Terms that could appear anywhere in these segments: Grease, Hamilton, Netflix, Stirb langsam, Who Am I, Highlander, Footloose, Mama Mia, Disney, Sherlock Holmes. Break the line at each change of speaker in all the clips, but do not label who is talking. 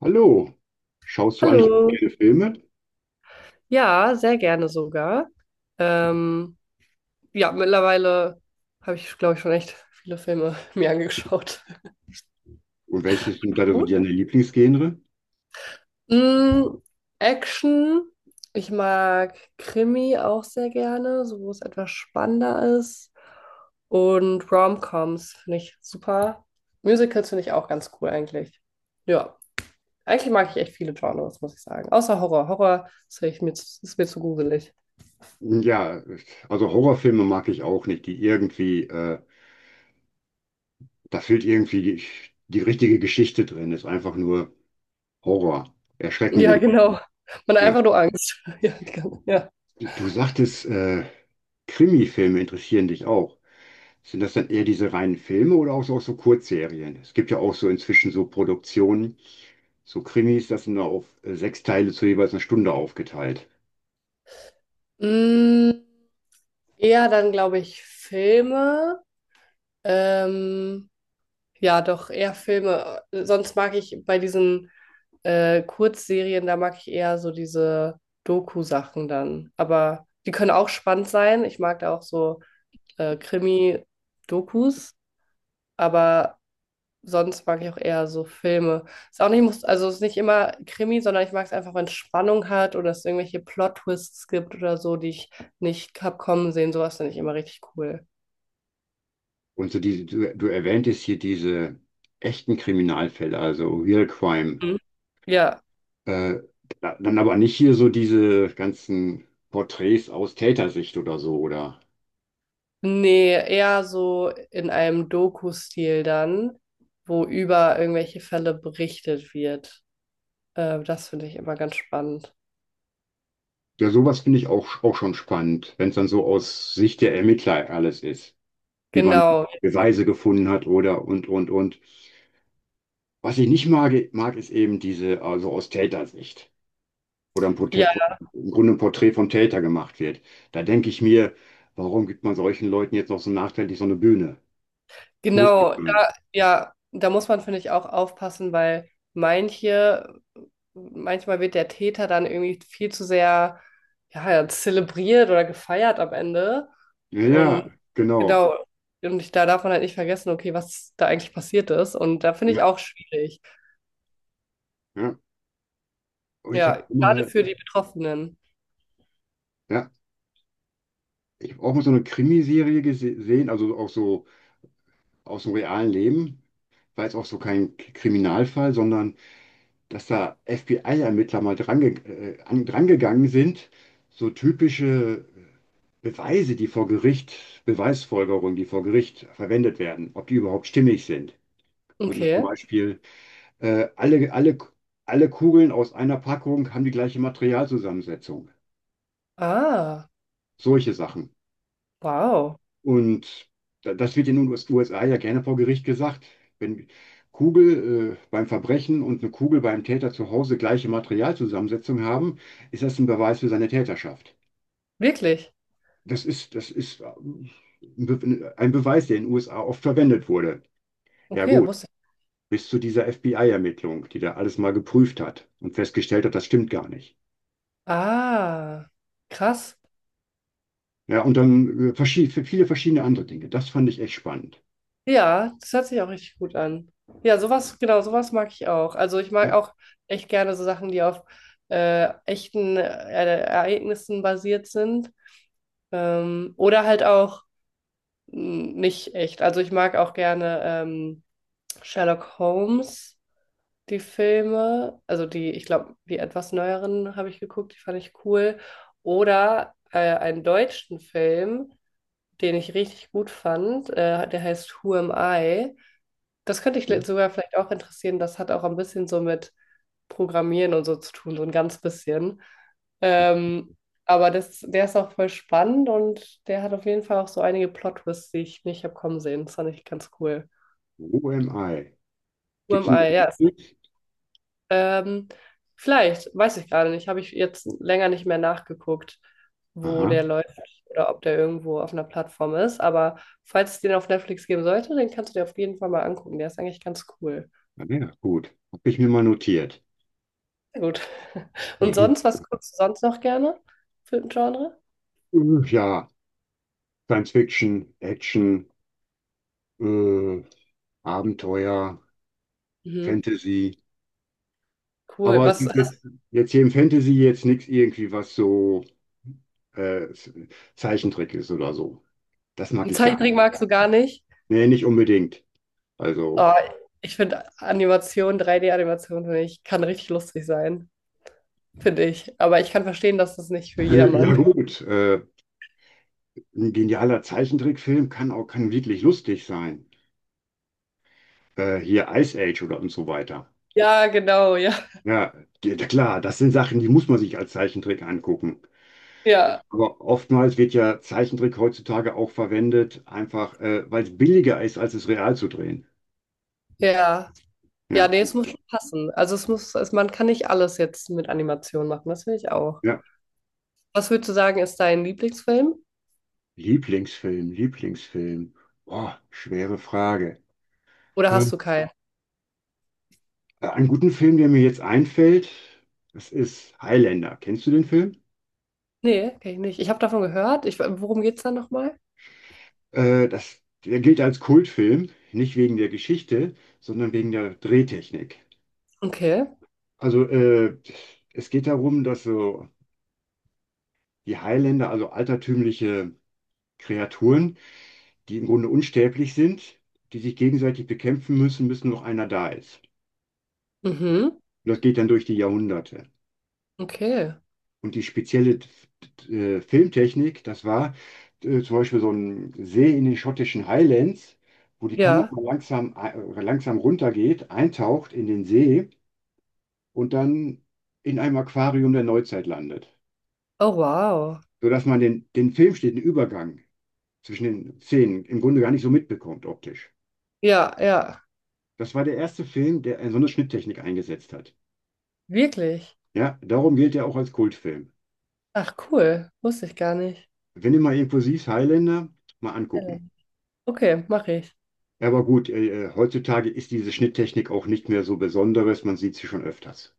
Hallo, schaust du eigentlich auch
Hallo.
gerne Filme?
Ja, sehr gerne sogar. Ähm, ja, mittlerweile habe ich, glaube ich, schon echt viele Filme mir angeschaut.
Und welches sind da so
Du?
deine Lieblingsgenre?
Mm, Action. Ich mag Krimi auch sehr gerne, so wo es etwas spannender ist. Und Rom-Coms finde ich super. Musicals finde ich auch ganz cool eigentlich. Ja, eigentlich mag ich echt viele Genres, muss ich sagen. Außer Horror. Horror ist, echt mir, ist mir zu gruselig.
Ja, also Horrorfilme mag ich auch nicht, die irgendwie, da fehlt irgendwie die, die richtige Geschichte drin, ist einfach nur Horror, erschrecken die
Ja,
Leute.
genau. Man hat
Ja.
einfach nur Angst. Ja, ja.
Du sagtest, Krimi-Filme interessieren dich auch. Sind das dann eher diese reinen Filme oder auch so Kurzserien? Es gibt ja auch so inzwischen so Produktionen, so Krimis, das sind da auf sechs Teile zu jeweils einer Stunde aufgeteilt.
Mm, Eher dann, glaube ich, Filme. Ähm, ja, doch, eher Filme. Sonst mag ich bei diesen Kurzserien, da mag ich eher so diese Doku-Sachen dann. Aber die können auch spannend sein. Ich mag da auch so Krimi-Dokus. Aber sonst mag ich auch eher so Filme. Ist auch nicht, muss, also ist nicht immer Krimi, sondern ich mag es einfach, wenn es Spannung hat oder es irgendwelche Plot-Twists gibt oder so, die ich nicht hab kommen sehen. Sowas finde ich immer richtig cool.
Und so diese, du erwähntest hier diese echten Kriminalfälle, also Real Crime.
Mhm. Ja,
Äh, Dann aber nicht hier so diese ganzen Porträts aus Tätersicht oder so, oder?
nee, eher so in einem Doku-Stil dann, wo über irgendwelche Fälle berichtet wird. Das finde ich immer ganz spannend.
Ja, sowas finde ich auch, auch schon spannend, wenn es dann so aus Sicht der Ermittler alles ist, wie man
Genau.
Beweise gefunden hat oder und. Was ich nicht mag ist eben diese, also aus Tätersicht. Oder ein
Ja.
Porträt, im Grunde ein Porträt vom Täter gemacht wird. Da denke ich mir, warum gibt man solchen Leuten jetzt noch so nachträglich so eine Bühne? Das muss nicht
Genau, da,
sein.
ja, da muss man, finde ich, auch aufpassen, weil manche, manchmal wird der Täter dann irgendwie viel zu sehr, ja, zelebriert oder gefeiert am Ende.
Ja,
Und
ja, genau.
genau, und ich, da darf man halt nicht vergessen, okay, was da eigentlich passiert ist. Und da finde ich
Ja,
auch schwierig.
ja. Und
Ja, gerade für die Betroffenen.
ja, ich habe auch mal so eine Krimiserie gesehen, also auch so aus dem realen Leben. War jetzt auch so kein Kriminalfall, sondern dass da FBI-Ermittler mal drangegangen sind. So typische Beweise, die vor Gericht, Beweisfolgerungen, die vor Gericht verwendet werden, ob die überhaupt stimmig sind. Würden das zum
Okay.
Beispiel äh, alle, alle, alle Kugeln aus einer Packung haben die gleiche Materialzusammensetzung.
Ah,
Solche Sachen.
wow.
Und das wird in den USA ja gerne vor Gericht gesagt. Wenn Kugel beim Verbrechen und eine Kugel beim Täter zu Hause gleiche Materialzusammensetzung haben, ist das ein Beweis für seine Täterschaft.
Wirklich?
Das ist ein Beweis, der in den USA oft verwendet wurde. Ja
Okay,
gut,
wusste ich.
bis zu dieser FBI-Ermittlung, die da alles mal geprüft hat und festgestellt hat, das stimmt gar nicht.
Ah, krass.
Ja, und dann viele verschiedene andere Dinge. Das fand ich echt spannend.
Ja, das hört sich auch richtig gut an. Ja, sowas, genau, sowas mag ich auch. Also ich mag
Ja.
auch echt gerne so Sachen, die auf echten Ereignissen basiert sind. Oder halt auch nicht echt. Also ich mag auch gerne Sherlock Holmes, die Filme. Also die, ich glaube, die etwas neueren habe ich geguckt, die fand ich cool. Oder einen deutschen Film, den ich richtig gut fand. Der heißt Who Am I? Das könnte ich sogar vielleicht auch interessieren. Das hat auch ein bisschen so mit Programmieren und so zu tun, so ein ganz bisschen. Ähm, aber das, der ist auch voll spannend und der hat auf jeden Fall auch so einige Plot-Twists, die ich nicht habe kommen sehen. Das fand ich ganz cool.
OMI.
Who
Gibt
am
es noch
I?
eine
Ja.
Notiz?
Ähm, vielleicht, weiß ich gerade nicht. Habe ich jetzt länger nicht mehr nachgeguckt, wo
Aha,
der läuft oder ob der irgendwo auf einer Plattform ist. Aber falls es den auf Netflix geben sollte, den kannst du dir auf jeden Fall mal angucken. Der ist eigentlich ganz cool.
ah, ja, gut. Habe ich mir mal notiert.
Sehr gut. Und sonst, was guckst du sonst noch gerne für ein Genre?
Mhm. Ja, Science Fiction, Action, äh, Abenteuer,
Mhm.
Fantasy.
Cool.
Aber
Was hast
jetzt hier im Fantasy jetzt nichts irgendwie, was so äh, Zeichentrick ist oder so. Das mag
du,
ich gar nicht.
Zeichentrick magst du gar nicht?
Nee, nicht unbedingt. Also,
Oh, ich finde Animation, 3D-Animation, finde ich, kann richtig lustig sein, finde ich. Aber ich kann verstehen, dass das nicht für
ja
jedermann.
gut, ein genialer Zeichentrickfilm kann wirklich lustig sein. Hier Ice Age oder und so weiter.
Ja, genau, ja.
Ja, die- klar, das sind Sachen, die muss man sich als Zeichentrick angucken.
Ja,
Aber oftmals wird ja Zeichentrick heutzutage auch verwendet, einfach weil es billiger ist, als es real zu drehen.
ja. Ja,
Ja,
nee, es muss schon passen. Also es muss, es, man kann nicht alles jetzt mit Animation machen, das finde ich auch.
ja.
Was würdest du sagen, ist dein Lieblingsfilm?
Lieblingsfilm, Lieblingsfilm. Boah, schwere Frage.
Oder hast
Ähm,
du keinen?
Einen guten Film, der mir jetzt einfällt, das ist Highlander. Kennst du den Film?
Nee, kenne ich nicht. Ich habe davon gehört. Ich, worum geht's da nochmal?
Der gilt als Kultfilm, nicht wegen der Geschichte, sondern wegen der Drehtechnik.
Okay.
Also es geht darum, dass so die Highlander, also altertümliche Kreaturen, die im Grunde unsterblich sind, die sich gegenseitig bekämpfen müssen, bis nur noch einer da ist.
Mhm.
Und das geht dann durch die Jahrhunderte.
Okay.
Und die spezielle Filmtechnik, das war zum Beispiel so ein See in den schottischen Highlands, wo die Kamera
Ja.
langsam runtergeht, eintaucht in den See und dann in einem Aquarium der Neuzeit landet.
Oh, wow.
Sodass man den, den filmsteten Übergang zwischen den Szenen im Grunde gar nicht so mitbekommt optisch.
Ja, ja.
Das war der erste Film, der so eine Schnitttechnik eingesetzt hat.
Wirklich.
Ja, darum gilt er auch als Kultfilm.
Ach, cool. Wusste ich gar nicht.
Wenn ihr mal Impulsiv Highlander mal angucken.
Ellen. Okay, mache ich.
Ja, aber gut, heutzutage ist diese Schnitttechnik auch nicht mehr so Besonderes, man sieht sie schon öfters.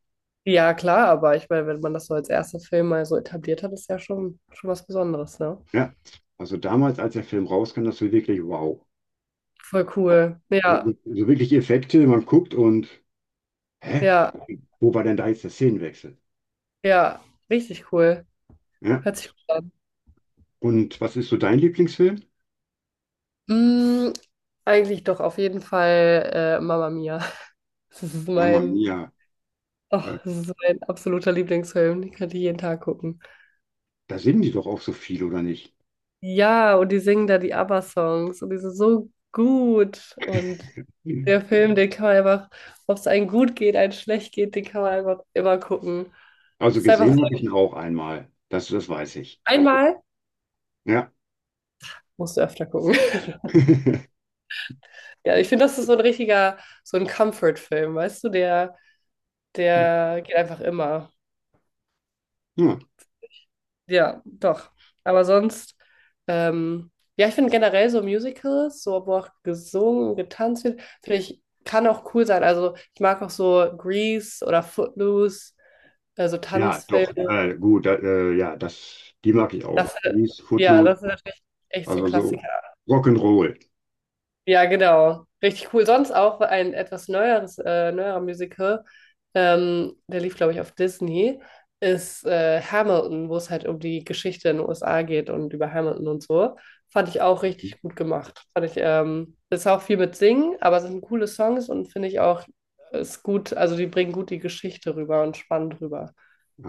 Ja, klar, aber ich meine, wenn man das so als erster Film mal so etabliert hat, ist ja schon, schon was Besonderes, ne?
Ja, also damals, als der Film rauskam, das war wirklich wow.
Voll cool.
So,
Ja,
so wirklich Effekte, man guckt und, hä,
ja,
wo war denn da jetzt der Szenenwechsel?
ja. Richtig cool.
Ja,
Hört sich gut an.
und was ist so dein Lieblingsfilm?
Mm, Eigentlich doch auf jeden Fall Mama Mia. Das ist
Mama
mein,
Mia,
oh,
äh,
das ist mein absoluter Lieblingsfilm. Den könnte ich jeden Tag gucken.
da sind die doch auch so viel, oder nicht?
Ja, und die singen da die ABBA-Songs und die sind so gut. Und
Hm.
der Film, den kann man einfach, ob es einem gut geht, einem schlecht geht, den kann man einfach immer gucken.
Also
Das ist einfach
gesehen habe
so,
ich ihn auch einmal, das weiß ich.
einmal
Ja.
musst du öfter gucken. Ja, ich finde, das ist so ein richtiger, so ein Comfort-Film, weißt du, der, der geht einfach immer.
Ja.
Ja, doch. Aber sonst, ähm, ja, ich finde generell so Musicals, so wo auch gesungen und getanzt wird, finde ich, kann auch cool sein. Also ich mag auch so Grease oder Footloose, also
Ja, doch,
Tanzfilme.
ja, das, die mag ich auch.
Das,
Die ist
ja,
Footloose,
das sind natürlich echt so
also so
Klassiker.
Rock'n'Roll.
Ja, genau. Richtig cool. Sonst auch ein etwas neueres, neuerer Musical, der lief, glaube ich, auf Disney, ist Hamilton, wo es halt um die Geschichte in den USA geht und über Hamilton und so. Fand ich auch
Mhm.
richtig gut gemacht. Fand ich, ist auch viel mit Singen, aber es sind coole Songs und finde ich auch, ist gut, also die bringen gut die Geschichte rüber und spannend rüber.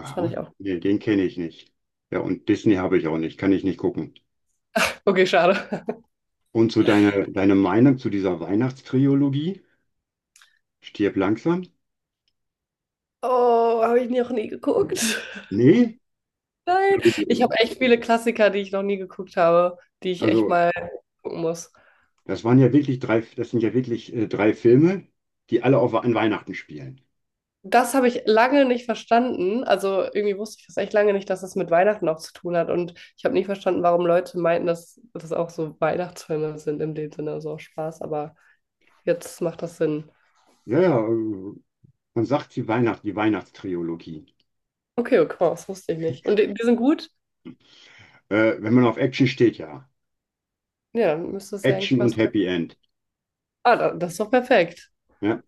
Das fand ich auch.
nee, den kenne ich nicht. Ja, und Disney habe ich auch nicht, kann ich nicht gucken.
Okay, schade.
Und zu deine Meinung zu dieser Weihnachtstrilogie? Stirb langsam?
Oh, habe ich noch nie geguckt.
Nee?
Nein,
Ja, gut,
ich habe echt viele Klassiker, die ich noch nie geguckt habe, die ich echt
also,
mal gucken muss.
das waren ja wirklich drei, das sind ja wirklich drei Filme, die alle auf, an Weihnachten spielen.
Das habe ich lange nicht verstanden. Also irgendwie wusste ich das echt lange nicht, dass das mit Weihnachten auch zu tun hat. Und ich habe nicht verstanden, warum Leute meinten, dass das auch so Weihnachtsfilme sind in dem Sinne, so auch Spaß. Aber jetzt macht das Sinn.
Ja, ja, man sagt sie Weihnacht, die Weihnachtstrilogie.
Okay, okay, das wusste ich nicht. Und die, die sind gut?
Wenn man auf Action steht, ja.
Ja, dann müsste es ja
Action
eigentlich was.
und Happy End.
Ah, da- das ist doch perfekt.
Ja,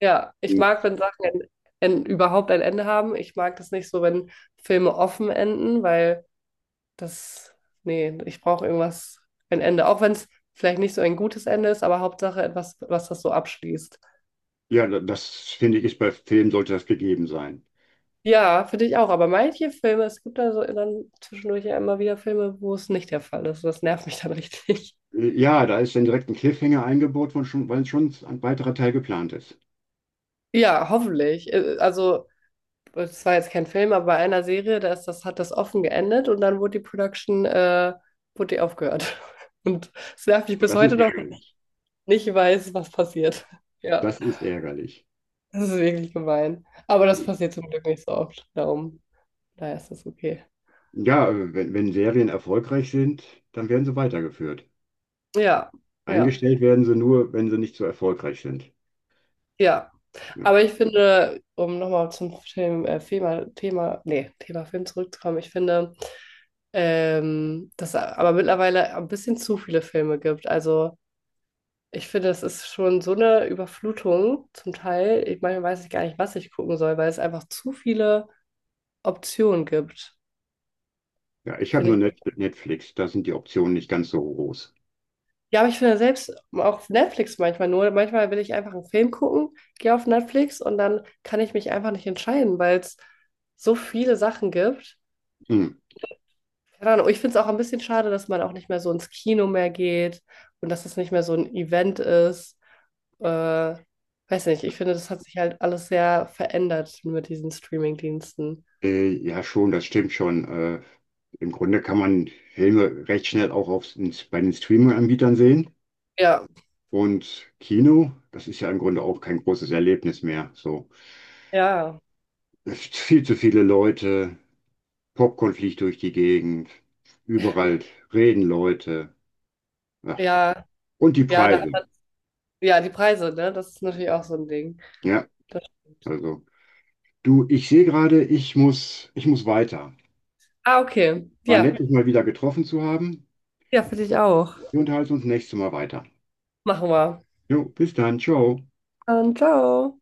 Ja, ich
und
mag, wenn Sachen ein, überhaupt ein Ende haben. Ich mag das nicht so, wenn Filme offen enden, weil das, nee, ich brauche irgendwas, ein Ende. Auch wenn es vielleicht nicht so ein gutes Ende ist, aber Hauptsache etwas, was das so abschließt.
ja, das finde ich, ist bei Filmen sollte das gegeben sein.
Ja, finde ich auch. Aber manche Filme, es gibt da so dann zwischendurch ja immer wieder Filme, wo es nicht der Fall ist. Das nervt mich dann richtig.
Ja, da ist dann direkt ein Cliffhanger eingebaut, weil schon ein weiterer Teil geplant ist.
Ja, hoffentlich. Also, es war jetzt kein Film, aber bei einer Serie, da ist das, hat das offen geendet und dann wurde die Production, wurde die aufgehört. Und es nervt mich bis
Das
heute
ist
noch, dass ich
ärgerlich.
nicht weiß, was passiert. Ja.
Das ist ärgerlich.
Das ist wirklich gemein. Aber das passiert zum Glück nicht so oft. Darum, daher ist das okay.
Ja, wenn Serien erfolgreich sind, dann werden sie weitergeführt.
Ja, ja,
Eingestellt werden sie nur, wenn sie nicht so erfolgreich sind.
ja.
Ja,
Aber ich finde, um nochmal zum Film, Thema, Thema, nee, Thema Film zurückzukommen, ich finde, dass es aber mittlerweile ein bisschen zu viele Filme gibt. Also ich finde, es ist schon so eine Überflutung zum Teil. Ich meine, weiß ich gar nicht, was ich gucken soll, weil es einfach zu viele Optionen gibt.
ja ich habe
Finde
nur
ich.
Netflix, da sind die Optionen nicht ganz so groß.
Ja, aber ich finde selbst auf Netflix manchmal nur, manchmal will ich einfach einen Film gucken, gehe auf Netflix und dann kann ich mich einfach nicht entscheiden, weil es so viele Sachen gibt.
Hm.
Keine Ahnung, ich finde es auch ein bisschen schade, dass man auch nicht mehr so ins Kino mehr geht und dass es nicht mehr so ein Event ist. Äh, Weiß nicht, ich finde, das hat sich halt alles sehr verändert mit diesen Streaming-Diensten.
Ja, schon, das stimmt schon. Im Grunde kann man Filme recht schnell bei den Streaming-Anbietern sehen.
Ja,
Und Kino, das ist ja im Grunde auch kein großes Erlebnis mehr. So,
ja,
es ist viel zu viele Leute, Popcorn fliegt durch die Gegend, überall reden Leute. Ach,
ja,
und die
ja, da
Preise.
hat, ja, die Preise, ne? Das ist natürlich auch so ein Ding.
Ja,
Das stimmt.
also du, ich sehe gerade, ich muss weiter.
Ah, okay.
War nett,
Ja.
dich mal wieder getroffen zu haben.
Ja, für dich auch.
Wir unterhalten uns nächstes Mal weiter.
Machen wir.
Jo, bis dann, ciao.
Dann ciao.